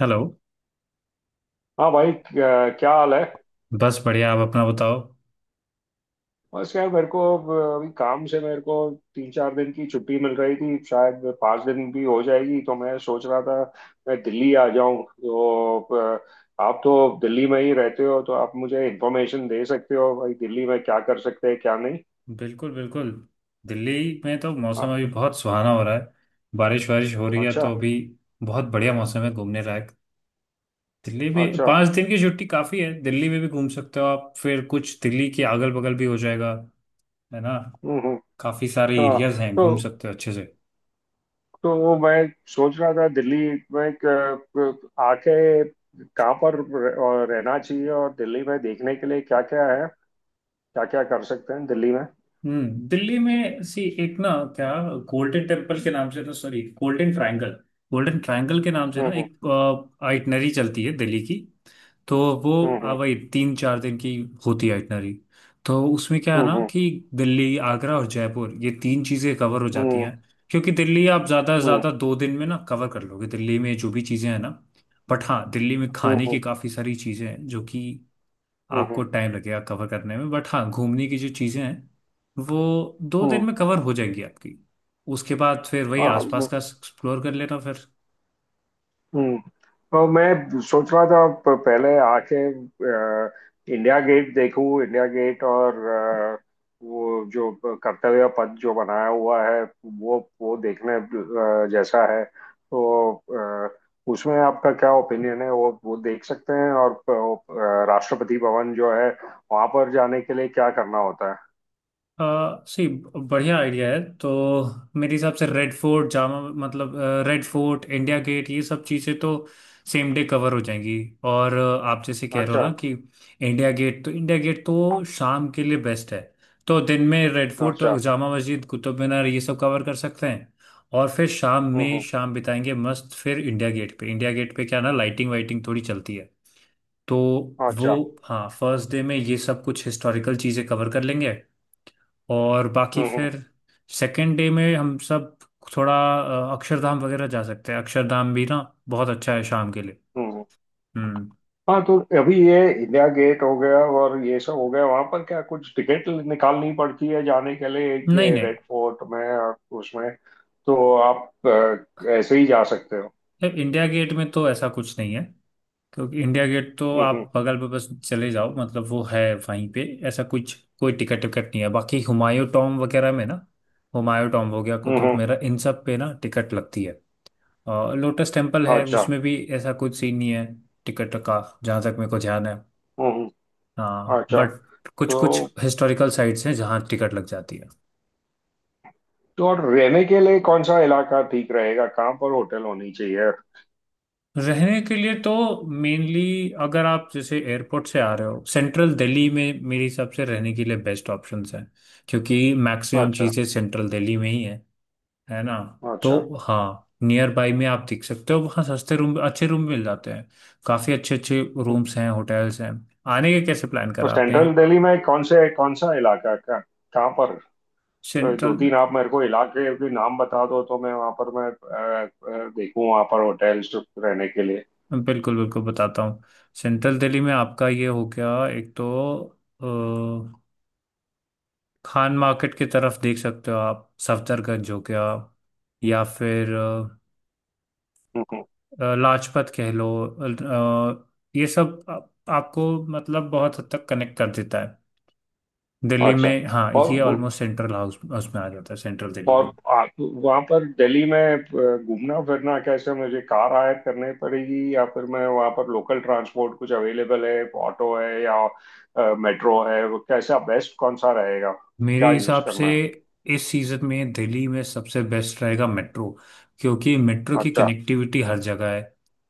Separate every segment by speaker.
Speaker 1: Hello.
Speaker 2: हाँ भाई क्या, क्या हाल है।
Speaker 1: बस बढ़िया, आप अपना बताओ।
Speaker 2: बस यार मेरे को अब अभी काम से मेरे को तीन चार दिन की छुट्टी मिल रही थी, शायद पाँच दिन भी हो जाएगी। तो मैं सोच रहा था मैं दिल्ली आ जाऊं तो आप तो दिल्ली में ही रहते हो, तो आप मुझे इन्फॉर्मेशन दे सकते हो भाई, दिल्ली में क्या कर सकते हैं क्या नहीं।
Speaker 1: बिल्कुल बिल्कुल। दिल्ली में तो मौसम
Speaker 2: हाँ।
Speaker 1: अभी बहुत सुहाना हो रहा है, बारिश वारिश हो रही है
Speaker 2: अच्छा।
Speaker 1: तो अभी बहुत बढ़िया मौसम है घूमने लायक। दिल्ली में
Speaker 2: अच्छा।
Speaker 1: 5 दिन की छुट्टी काफ़ी है, दिल्ली में भी घूम सकते हो आप, फिर कुछ दिल्ली के अगल बगल भी हो जाएगा, है ना।
Speaker 2: हम्म।
Speaker 1: काफ़ी सारे एरियाज
Speaker 2: हाँ
Speaker 1: हैं, घूम
Speaker 2: तो
Speaker 1: सकते हो अच्छे से।
Speaker 2: मैं सोच रहा था दिल्ली में एक, आके कहाँ पर रहना चाहिए और दिल्ली में देखने के लिए क्या क्या है, क्या क्या कर सकते हैं दिल्ली में।
Speaker 1: दिल्ली में सी एक ना क्या, गोल्डन टेम्पल के नाम से ना, sorry Golden Triangle, Golden Triangle के नाम से ना
Speaker 2: हम्म
Speaker 1: एक आइटनरी चलती है दिल्ली की। तो वो
Speaker 2: हम्म
Speaker 1: वही 3-4 दिन की होती है आइटनरी। तो उसमें क्या है
Speaker 2: हम्म
Speaker 1: ना
Speaker 2: हम्म
Speaker 1: कि दिल्ली आगरा और जयपुर ये तीन चीज़ें कवर हो जाती
Speaker 2: हम्म
Speaker 1: हैं, क्योंकि दिल्ली आप ज़्यादा से ज़्यादा 2 दिन में ना कवर कर लोगे, दिल्ली में जो भी चीज़ें हैं ना। बट हाँ दिल्ली में
Speaker 2: हम्म
Speaker 1: खाने
Speaker 2: हम्म
Speaker 1: की काफ़ी सारी चीज़ें हैं जो कि
Speaker 2: हम्म
Speaker 1: आपको टाइम लगेगा कवर करने में। बट हाँ घूमने की जो चीज़ें हैं वो 2 दिन
Speaker 2: हम्म।
Speaker 1: में कवर हो जाएंगी आपकी। उसके बाद फिर वही
Speaker 2: हाँ,
Speaker 1: आसपास का एक्सप्लोर कर लेना फिर।
Speaker 2: हम्म। तो मैं सोच रहा था पहले आके इंडिया गेट देखूं। इंडिया गेट और वो जो कर्तव्य पथ जो बनाया हुआ है, वो देखने जैसा है। तो अ, उसमें आपका क्या ओपिनियन है, वो देख सकते हैं? और राष्ट्रपति भवन जो है, वहां पर जाने के लिए क्या करना होता है।
Speaker 1: सी बढ़िया आइडिया है। तो मेरे हिसाब से रेड फोर्ट जामा, मतलब रेड फोर्ट इंडिया गेट ये सब चीज़ें तो सेम डे कवर हो जाएंगी। और आप जैसे कह रहे हो
Speaker 2: अच्छा।
Speaker 1: ना कि इंडिया गेट तो, इंडिया गेट तो शाम के लिए बेस्ट है। तो दिन में रेड फोर्ट
Speaker 2: अच्छा।
Speaker 1: जामा मस्जिद कुतुब मीनार ये सब कवर कर सकते हैं और फिर शाम में
Speaker 2: हम्म।
Speaker 1: शाम बिताएंगे मस्त, फिर इंडिया गेट पे, इंडिया गेट पे क्या ना लाइटिंग वाइटिंग थोड़ी चलती है तो वो।
Speaker 2: अच्छा।
Speaker 1: हाँ, फर्स्ट डे में ये सब कुछ हिस्टोरिकल चीज़ें कवर कर लेंगे और बाकी
Speaker 2: हम्म हम्म
Speaker 1: फिर सेकेंड डे में हम सब थोड़ा अक्षरधाम वगैरह जा सकते हैं। अक्षरधाम भी ना बहुत अच्छा है शाम के लिए।
Speaker 2: हम्म।
Speaker 1: हम्म।
Speaker 2: हाँ तो अभी ये इंडिया गेट हो गया और ये सब हो गया, वहां पर क्या कुछ टिकट निकालनी पड़ती है जाने के लिए?
Speaker 1: नहीं
Speaker 2: ये
Speaker 1: नहीं,
Speaker 2: रेड फोर्ट में और उसमें तो आप ऐसे ही जा सकते हो।
Speaker 1: इंडिया गेट में तो ऐसा कुछ नहीं है, क्योंकि इंडिया गेट तो
Speaker 2: हम्म हम्म
Speaker 1: आप बगल में बस चले जाओ, मतलब वो है वहीं पे, ऐसा कुछ कोई टिकट विकट नहीं है। बाकी हुमायूं टॉम वगैरह में ना, हुमायूं टॉम हो गया कुतुब
Speaker 2: हम्म।
Speaker 1: मेरा इन सब पे ना टिकट लगती है। और लोटस टेम्पल है,
Speaker 2: अच्छा।
Speaker 1: उसमें भी ऐसा कुछ सीन नहीं है टिकट का, जहाँ तक मेरे को ध्यान है।
Speaker 2: हम्म हम्म,
Speaker 1: हाँ
Speaker 2: अच्छा।
Speaker 1: बट कुछ कुछ
Speaker 2: तो
Speaker 1: हिस्टोरिकल साइट्स हैं जहाँ टिकट लग जाती है।
Speaker 2: और रहने के लिए कौन सा इलाका ठीक रहेगा, कहाँ पर होटल होनी चाहिए।
Speaker 1: रहने के लिए तो मेनली अगर आप जैसे एयरपोर्ट से आ रहे हो, सेंट्रल दिल्ली में मेरे हिसाब से रहने के लिए बेस्ट ऑप्शंस हैं, क्योंकि मैक्सिमम
Speaker 2: अच्छा।
Speaker 1: चीज़ें सेंट्रल दिल्ली में ही है ना। तो
Speaker 2: अच्छा।
Speaker 1: हाँ नियर बाई में आप देख सकते हो, वहाँ सस्ते रूम अच्छे रूम मिल जाते हैं। काफ़ी अच्छे अच्छे रूम्स हैं, होटल्स हैं। आने के कैसे प्लान
Speaker 2: तो
Speaker 1: करा आपने?
Speaker 2: सेंट्रल दिल्ली में कौन सा इलाका का कहाँ पर। तो दो
Speaker 1: सेंट्रल
Speaker 2: तीन आप मेरे को इलाके के नाम बता दो, तो मैं वहां पर मैं देखूं वहां पर होटल्स रहने के लिए।
Speaker 1: बिल्कुल बिल्कुल बताता हूँ। सेंट्रल दिल्ली में आपका ये हो गया एक तो अ, खान मार्केट की तरफ देख सकते हो आप, सफदरगंज हो गया, या फिर
Speaker 2: हम्म,
Speaker 1: लाजपत कह लो, अ, ये सब आपको मतलब बहुत हद तक कनेक्ट कर देता है दिल्ली
Speaker 2: अच्छा।
Speaker 1: में। हाँ
Speaker 2: और
Speaker 1: ये
Speaker 2: वो-
Speaker 1: ऑलमोस्ट सेंट्रल हाउस उसमें आ जाता है, सेंट्रल दिल्ली
Speaker 2: और
Speaker 1: में।
Speaker 2: आप वहां पर दिल्ली में घूमना फिरना कैसे? मुझे कार हायर करनी पड़ेगी या फिर मैं वहां पर लोकल ट्रांसपोर्ट? कुछ अवेलेबल है? ऑटो है या मेट्रो है? वो कैसा बेस्ट, कौन सा रहेगा,
Speaker 1: मेरे
Speaker 2: क्या यूज
Speaker 1: हिसाब से
Speaker 2: करना है।
Speaker 1: इस सीजन में दिल्ली में सबसे बेस्ट रहेगा मेट्रो, क्योंकि मेट्रो की
Speaker 2: अच्छा।
Speaker 1: कनेक्टिविटी हर जगह है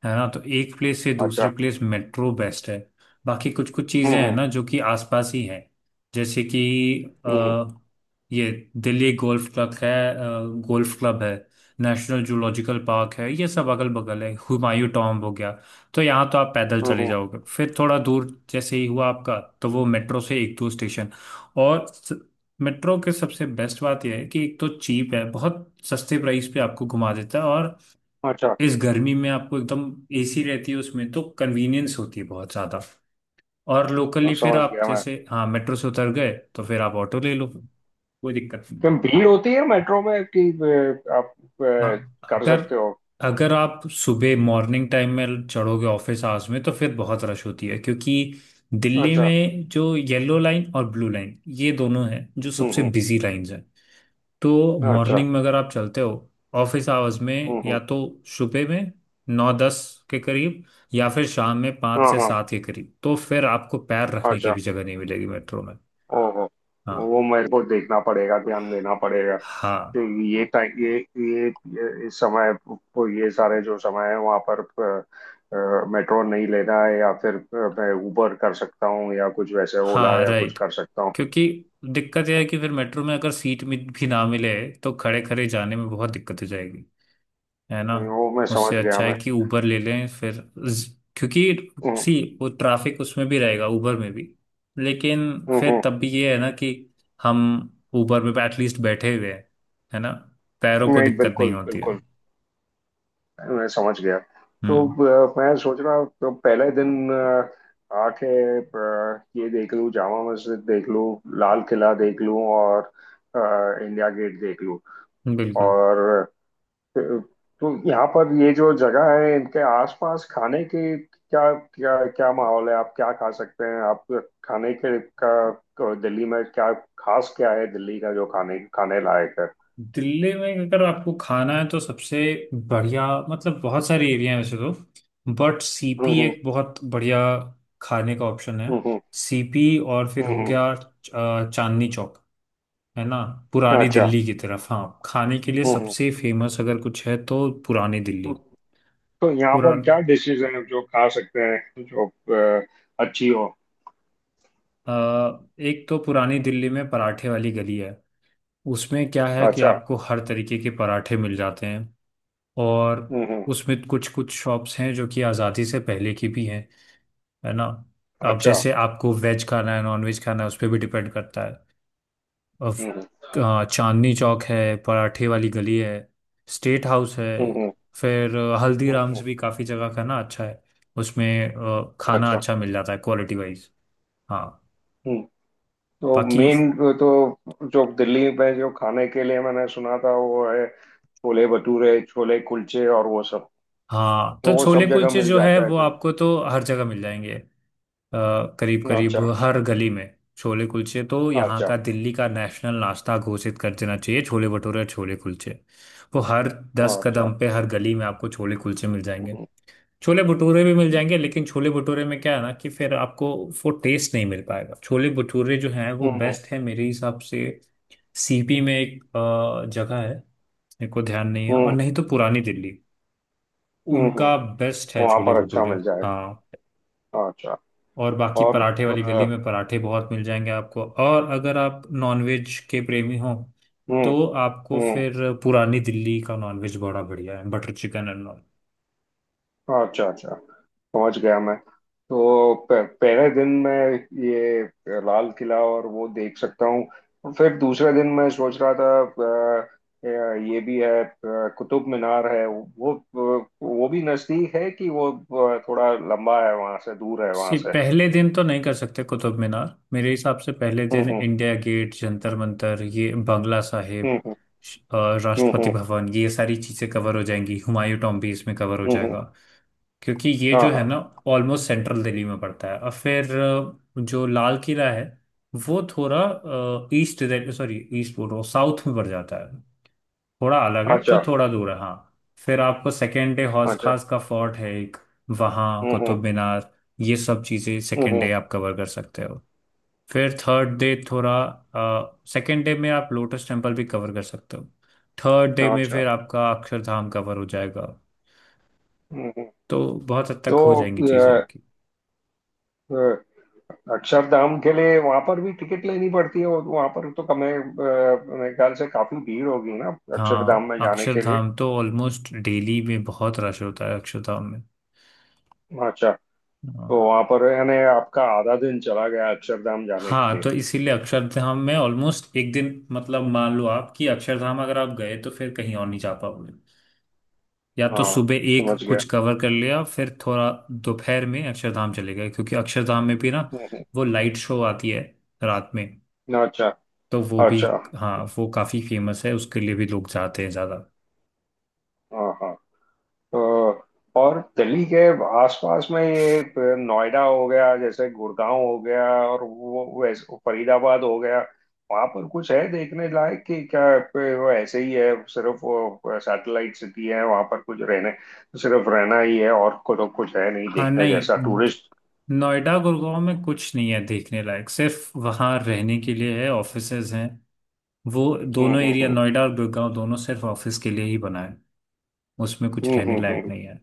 Speaker 1: है ना। तो एक प्लेस से दूसरे
Speaker 2: अच्छा।
Speaker 1: प्लेस मेट्रो बेस्ट है। बाकी कुछ कुछ
Speaker 2: हम्म
Speaker 1: चीजें हैं
Speaker 2: हम्म
Speaker 1: ना जो कि आसपास ही हैं, जैसे कि
Speaker 2: हम्म
Speaker 1: अ, ये दिल्ली गोल्फ क्लब है, गोल्फ क्लब है, नेशनल जूलॉजिकल पार्क है, ये सब अगल बगल है, हुमायूं टॉम्ब हो गया। तो यहाँ तो आप पैदल
Speaker 2: हम्म,
Speaker 1: चले
Speaker 2: हम्म।
Speaker 1: जाओगे, फिर थोड़ा दूर जैसे ही हुआ आपका तो वो मेट्रो से एक दो स्टेशन। और मेट्रो के सबसे बेस्ट बात यह है कि एक तो चीप है, बहुत सस्ते प्राइस पे आपको घुमा देता है और
Speaker 2: अच्छा।
Speaker 1: इस गर्मी में आपको एकदम एसी रहती है उसमें, तो कन्वीनियंस होती है बहुत ज़्यादा। और लोकली फिर
Speaker 2: समझ
Speaker 1: आप
Speaker 2: गया मैं।
Speaker 1: जैसे हाँ मेट्रो से उतर गए तो फिर आप ऑटो ले लो, कोई दिक्कत नहीं।
Speaker 2: क्या भीड़ होती है मेट्रो में कि आप अ,
Speaker 1: हाँ
Speaker 2: कर
Speaker 1: अगर,
Speaker 2: सकते हो।
Speaker 1: अगर आप सुबह मॉर्निंग टाइम में चढ़ोगे ऑफिस आवर्स में तो फिर बहुत रश होती है, क्योंकि दिल्ली
Speaker 2: अच्छा।
Speaker 1: में जो येलो लाइन और ब्लू लाइन ये दोनों हैं जो सबसे
Speaker 2: हम्म
Speaker 1: बिजी लाइंस हैं। तो
Speaker 2: हम्म। अच्छा।
Speaker 1: मॉर्निंग में अगर आप चलते हो ऑफिस आवर्स में, या
Speaker 2: हम्म।
Speaker 1: तो सुबह में 9-10 के करीब, या फिर शाम में पाँच
Speaker 2: हाँ
Speaker 1: से
Speaker 2: हाँ।
Speaker 1: सात के करीब, तो फिर आपको पैर रखने की
Speaker 2: अच्छा।
Speaker 1: भी जगह नहीं मिलेगी मेट्रो में।
Speaker 2: ओहो।
Speaker 1: हाँ
Speaker 2: वो मेरे को देखना पड़ेगा, ध्यान देना पड़ेगा।
Speaker 1: हाँ,
Speaker 2: तो ये टाइम इस समय वो ये सारे जो समय है, वहाँ पर मेट्रो नहीं लेना है, या फिर मैं उबर कर सकता हूँ या कुछ वैसे ओला
Speaker 1: हाँ
Speaker 2: या कुछ
Speaker 1: राइट।
Speaker 2: कर सकता हूँ।
Speaker 1: क्योंकि दिक्कत यह है कि फिर मेट्रो में अगर सीट भी ना मिले तो खड़े खड़े जाने में बहुत दिक्कत हो जाएगी, है ना।
Speaker 2: नहीं वो मैं
Speaker 1: उससे
Speaker 2: समझ गया
Speaker 1: अच्छा है
Speaker 2: मैं।
Speaker 1: कि उबर ले लें फिर, क्योंकि
Speaker 2: हम्म
Speaker 1: सी वो ट्रैफिक उसमें भी रहेगा उबर में भी, लेकिन
Speaker 2: हम्म
Speaker 1: फिर
Speaker 2: हम्म।
Speaker 1: तब भी ये है ना कि हम उबर में एटलीस्ट बैठे हुए हैं, है ना, पैरों को
Speaker 2: नहीं
Speaker 1: दिक्कत नहीं
Speaker 2: बिल्कुल
Speaker 1: होती है।
Speaker 2: बिल्कुल। मैं समझ गया। तो
Speaker 1: हम्म।
Speaker 2: मैं सोच रहा हूँ तो पहले दिन आके ये देख लूँ, जामा मस्जिद देख लूँ, लाल किला देख लूँ और इंडिया गेट देख लूँ।
Speaker 1: बिल्कुल।
Speaker 2: और अ, तो यहाँ पर ये जो जगह है, इनके आसपास खाने की क्या क्या क्या माहौल है? आप क्या खा सकते हैं? आप खाने के का दिल्ली में क्या खास क्या है दिल्ली का जो खाने खाने लायक है।
Speaker 1: दिल्ली में अगर आपको खाना है तो सबसे बढ़िया, मतलब बहुत सारे एरिया हैं वैसे तो, बट
Speaker 2: हम्म
Speaker 1: सीपी
Speaker 2: हम्म
Speaker 1: एक बहुत बढ़िया खाने का ऑप्शन है।
Speaker 2: हम्म
Speaker 1: सीपी और फिर
Speaker 2: हम्म
Speaker 1: हो
Speaker 2: हम्म,
Speaker 1: गया चांदनी चौक, है ना, पुरानी
Speaker 2: अच्छा।
Speaker 1: दिल्ली की तरफ। हाँ खाने के लिए
Speaker 2: हम्म
Speaker 1: सबसे फेमस अगर कुछ है तो पुरानी
Speaker 2: हम्म।
Speaker 1: दिल्ली।
Speaker 2: तो यहाँ पर
Speaker 1: पुरान
Speaker 2: क्या डिशेज हैं जो खा सकते हैं जो अ, अच्छी हो।
Speaker 1: अ, एक तो पुरानी दिल्ली में पराठे वाली गली है, उसमें क्या है कि
Speaker 2: अच्छा।
Speaker 1: आपको हर तरीके के पराठे मिल जाते हैं और
Speaker 2: हम्म।
Speaker 1: उसमें कुछ कुछ शॉप्स हैं जो कि आज़ादी से पहले की भी हैं, है ना। अब
Speaker 2: अच्छा।
Speaker 1: जैसे आपको वेज खाना है नॉन वेज खाना है, उस पर भी डिपेंड करता है। और
Speaker 2: हम्म
Speaker 1: चांदनी चौक है, पराठे वाली गली है, स्टेट हाउस है,
Speaker 2: हम्म हम्म
Speaker 1: फिर हल्दीराम्स
Speaker 2: हम्म,
Speaker 1: भी काफ़ी जगह का ना अच्छा है, उसमें खाना
Speaker 2: अच्छा।
Speaker 1: अच्छा मिल जाता है क्वालिटी वाइज। हाँ
Speaker 2: हम्म। तो
Speaker 1: बाकी,
Speaker 2: मेन, तो जो दिल्ली में जो खाने के लिए मैंने सुना था वो है छोले भटूरे, छोले कुलचे और वो सब।
Speaker 1: हाँ
Speaker 2: तो
Speaker 1: तो
Speaker 2: वो
Speaker 1: छोले
Speaker 2: सब जगह
Speaker 1: कुलचे
Speaker 2: मिल
Speaker 1: जो है
Speaker 2: जाता है
Speaker 1: वो
Speaker 2: तो।
Speaker 1: आपको तो हर जगह मिल जाएंगे, करीब करीब
Speaker 2: अच्छा।
Speaker 1: हर गली में। छोले कुलचे तो यहाँ
Speaker 2: अच्छा।
Speaker 1: का दिल्ली का नेशनल नाश्ता घोषित कर देना चाहिए, छोले भटूरे और छोले कुलचे। वो हर दस
Speaker 2: अच्छा।
Speaker 1: कदम पे हर गली में आपको छोले कुलचे मिल जाएंगे,
Speaker 2: हम्म
Speaker 1: छोले भटूरे भी मिल जाएंगे, लेकिन छोले भटूरे में क्या है ना कि फिर आपको वो टेस्ट नहीं मिल पाएगा। छोले भटूरे जो है वो
Speaker 2: हम्म।
Speaker 1: बेस्ट है, मेरे हिसाब से सीपी में एक जगह है, मेरे को ध्यान नहीं है, और
Speaker 2: हम्म
Speaker 1: नहीं तो पुरानी दिल्ली,
Speaker 2: हम्म।
Speaker 1: उनका बेस्ट है
Speaker 2: वहां
Speaker 1: छोले
Speaker 2: पर अच्छा
Speaker 1: भटूरे।
Speaker 2: मिल जाएगा।
Speaker 1: हाँ
Speaker 2: अच्छा।
Speaker 1: और बाकी
Speaker 2: और
Speaker 1: पराठे वाली गली
Speaker 2: अ,
Speaker 1: में पराठे बहुत मिल जाएंगे आपको, और अगर आप नॉनवेज के प्रेमी हो
Speaker 2: हम्म
Speaker 1: तो आपको
Speaker 2: हम्म।
Speaker 1: फिर पुरानी दिल्ली का नॉनवेज बड़ा बढ़िया है, बटर चिकन एंड ऑल।
Speaker 2: अच्छा। अच्छा। समझ गया मैं। तो पहले दिन मैं ये लाल किला और वो देख सकता हूँ। और फिर दूसरे दिन मैं सोच रहा था, अ, ये भी है कुतुब मीनार है, वो भी नजदीक है कि वो थोड़ा लंबा है वहां से, दूर है वहां
Speaker 1: सी
Speaker 2: से।
Speaker 1: पहले दिन तो नहीं कर सकते कुतुब मीनार। मेरे हिसाब से पहले दिन
Speaker 2: हम्म
Speaker 1: इंडिया गेट, जंतर मंतर, ये बंगला साहिब,
Speaker 2: हम्म हम्म हम्म
Speaker 1: राष्ट्रपति
Speaker 2: हम्म
Speaker 1: भवन, ये सारी चीज़ें कवर हो जाएंगी, हुमायूं टॉम्ब भी इसमें कवर हो
Speaker 2: हम्म, हम्म, हम्म।
Speaker 1: जाएगा, क्योंकि ये
Speaker 2: हाँ
Speaker 1: जो है
Speaker 2: हाँ।
Speaker 1: ना ऑलमोस्ट सेंट्रल दिल्ली में पड़ता है। और फिर जो लाल किला है वो थोड़ा ईस्ट, सॉरी ईस्ट बोल रहा हूँ, साउथ में पड़ जाता है, थोड़ा अलग है तो
Speaker 2: अच्छा।
Speaker 1: थोड़ा दूर है हाँ। फिर आपको सेकेंड डे हौस
Speaker 2: अच्छा।
Speaker 1: खास का फोर्ट है एक, वहाँ
Speaker 2: हम्म हम्म
Speaker 1: कुतुब मीनार, ये सब चीज़ें सेकेंड
Speaker 2: हम्म
Speaker 1: डे आप कवर कर सकते हो। फिर थर्ड डे थोड़ा, सेकेंड डे में आप लोटस टेम्पल भी कवर कर सकते हो, थर्ड डे में
Speaker 2: अच्छा।
Speaker 1: फिर आपका अक्षरधाम कवर हो जाएगा।
Speaker 2: हम्म हम्म।
Speaker 1: तो बहुत हद तक
Speaker 2: तो
Speaker 1: हो जाएंगी चीज़ें आपकी।
Speaker 2: अ, अक्षरधाम के लिए वहां पर भी टिकट लेनी पड़ती है? और वहां पर तो कम है, मेरे ख्याल से काफी भीड़ होगी ना अक्षरधाम
Speaker 1: हाँ
Speaker 2: में जाने के लिए।
Speaker 1: अक्षरधाम तो ऑलमोस्ट डेली में बहुत रश होता है अक्षरधाम में।
Speaker 2: अच्छा।
Speaker 1: हाँ,
Speaker 2: तो वहां पर यानी आपका आधा दिन चला गया अक्षरधाम जाने के
Speaker 1: हाँ
Speaker 2: लिए।
Speaker 1: तो इसीलिए अक्षरधाम में ऑलमोस्ट एक दिन, मतलब मान लो आप कि अक्षरधाम अगर आप गए तो फिर कहीं और नहीं जा पाओगे। या तो
Speaker 2: हाँ।
Speaker 1: सुबह एक
Speaker 2: समझ गया।
Speaker 1: कुछ कवर कर लिया फिर थोड़ा दोपहर में अक्षरधाम चले गए, क्योंकि अक्षरधाम में भी ना
Speaker 2: हम्म,
Speaker 1: वो लाइट शो आती है रात में,
Speaker 2: अच्छा।
Speaker 1: तो वो भी।
Speaker 2: अच्छा।
Speaker 1: हाँ वो काफी फेमस है, उसके लिए भी लोग जाते हैं ज्यादा।
Speaker 2: हाँ हाँ। तो और दिल्ली के आसपास में ये नोएडा हो गया जैसे, गुड़गांव हो गया और वो वैसे फरीदाबाद हो गया, वहां पर कुछ है देखने लायक कि क्या वो ऐसे ही है, सिर्फ वो सैटेलाइट सिटी है? वहां पर कुछ रहने, सिर्फ रहना ही है और को तो कुछ है नहीं
Speaker 1: हाँ
Speaker 2: देखने जैसा
Speaker 1: नहीं,
Speaker 2: टूरिस्ट।
Speaker 1: नोएडा गुड़गांव में कुछ नहीं है देखने लायक, सिर्फ वहाँ रहने के लिए है, ऑफिसेज हैं वो।
Speaker 2: हम्म
Speaker 1: दोनों एरिया
Speaker 2: हम्म
Speaker 1: नोएडा और गुड़गांव दोनों सिर्फ ऑफिस के लिए ही बना है, उसमें कुछ
Speaker 2: हम्म हम्म
Speaker 1: रहने
Speaker 2: हम्म
Speaker 1: लायक
Speaker 2: हम्म
Speaker 1: नहीं है।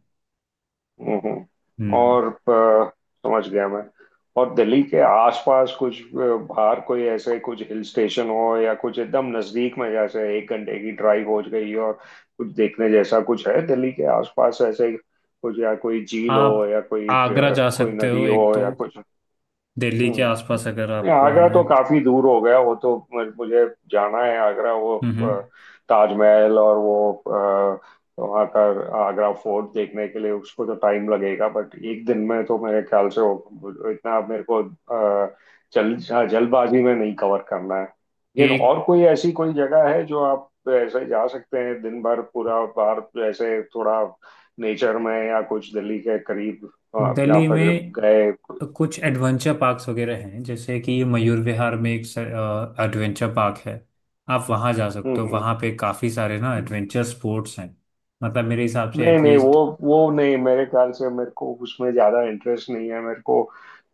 Speaker 1: हम्म।
Speaker 2: और समझ गया मैं। और दिल्ली के आसपास कुछ बाहर कोई ऐसे कुछ हिल स्टेशन हो या कुछ एकदम नजदीक में, जैसे एक घंटे की ड्राइव हो गई और कुछ देखने जैसा कुछ है दिल्ली के आसपास ऐसे कुछ? या कोई झील हो
Speaker 1: आप
Speaker 2: या कोई
Speaker 1: आगरा जा
Speaker 2: कोई
Speaker 1: सकते हो
Speaker 2: नदी हो
Speaker 1: एक तो,
Speaker 2: या कुछ।
Speaker 1: दिल्ली के
Speaker 2: हम्म।
Speaker 1: आसपास अगर
Speaker 2: नहीं,
Speaker 1: आपको
Speaker 2: आगरा
Speaker 1: आना है।
Speaker 2: तो काफी दूर हो गया वो तो। मुझे जाना है आगरा, वो
Speaker 1: हम्म
Speaker 2: ताजमहल और वो। तो वहाँ का आगरा फोर्ट देखने के लिए उसको तो टाइम लगेगा, बट एक दिन में तो मेरे ख्याल से इतना मेरे को अ, जल हाँ, जल्दबाजी में नहीं कवर करना है। लेकिन
Speaker 1: एक
Speaker 2: और कोई ऐसी कोई जगह है जो आप ऐसे जा सकते हैं दिन भर पूरा बाहर, ऐसे थोड़ा नेचर में या कुछ दिल्ली के करीब, जहाँ
Speaker 1: दिल्ली
Speaker 2: पर
Speaker 1: में
Speaker 2: गए।
Speaker 1: कुछ एडवेंचर पार्क्स वगैरह हैं, जैसे कि मयूर विहार में एक एडवेंचर पार्क है, आप वहाँ जा सकते हो,
Speaker 2: हम्म
Speaker 1: वहाँ पे काफ़ी सारे ना
Speaker 2: हम्म।
Speaker 1: एडवेंचर स्पोर्ट्स हैं। मतलब मेरे हिसाब से
Speaker 2: नहीं नहीं वो
Speaker 1: एटलीस्ट,
Speaker 2: वो नहीं, मेरे ख्याल से मेरे को उसमें ज्यादा इंटरेस्ट नहीं है मेरे को।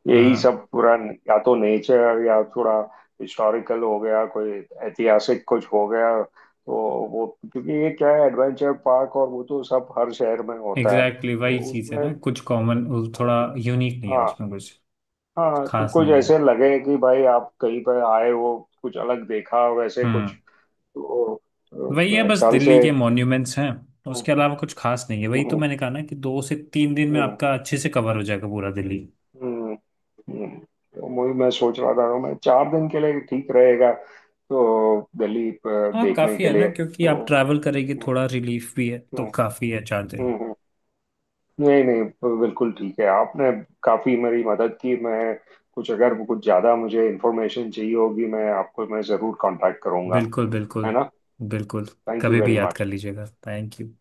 Speaker 2: यही
Speaker 1: हाँ
Speaker 2: सब पूरा, या तो नेचर या थोड़ा हिस्टोरिकल हो गया, कोई ऐतिहासिक कुछ हो गया तो वो। क्योंकि ये क्या है एडवेंचर पार्क, और वो तो सब हर शहर में होता है
Speaker 1: एग्जैक्टली
Speaker 2: तो
Speaker 1: वही चीज़ है
Speaker 2: उसमें।
Speaker 1: ना, कुछ कॉमन, थोड़ा यूनिक नहीं है
Speaker 2: हाँ
Speaker 1: उसमें, कुछ
Speaker 2: हाँ। तो
Speaker 1: खास
Speaker 2: कुछ
Speaker 1: नहीं है।
Speaker 2: ऐसे लगे कि भाई आप कहीं पर आए हो, कुछ अलग देखा वैसे कुछ।
Speaker 1: हम्म।
Speaker 2: तो
Speaker 1: वही है
Speaker 2: मेरे
Speaker 1: बस
Speaker 2: ख्याल
Speaker 1: दिल्ली
Speaker 2: से।
Speaker 1: के मॉन्यूमेंट्स हैं,
Speaker 2: हम्म,
Speaker 1: उसके अलावा कुछ खास नहीं है। वही तो
Speaker 2: हम्म,
Speaker 1: मैंने कहा ना कि 2 से 3 दिन में
Speaker 2: हम्म।
Speaker 1: आपका अच्छे से कवर हो जाएगा पूरा दिल्ली।
Speaker 2: हम्म हम्म। तो वही मैं सोच रहा था मैं चार दिन के लिए ठीक रहेगा तो दिल्ली
Speaker 1: हाँ
Speaker 2: देखने
Speaker 1: काफी
Speaker 2: के
Speaker 1: है ना,
Speaker 2: लिए
Speaker 1: क्योंकि
Speaker 2: तो।
Speaker 1: आप ट्रैवल करेंगे
Speaker 2: हम्म
Speaker 1: थोड़ा रिलीफ भी है, तो
Speaker 2: हम्म,
Speaker 1: काफी है 4 दिन।
Speaker 2: हम्म। नहीं नहीं बिल्कुल ठीक है, आपने काफी मेरी मदद की। मैं कुछ, अगर कुछ ज्यादा मुझे इंफॉर्मेशन चाहिए होगी मैं आपको मैं जरूर कांटेक्ट करूंगा।
Speaker 1: बिल्कुल बिल्कुल
Speaker 2: है ना।
Speaker 1: बिल्कुल।
Speaker 2: थैंक यू
Speaker 1: कभी भी
Speaker 2: वेरी
Speaker 1: याद कर
Speaker 2: मच।
Speaker 1: लीजिएगा, थैंक यू।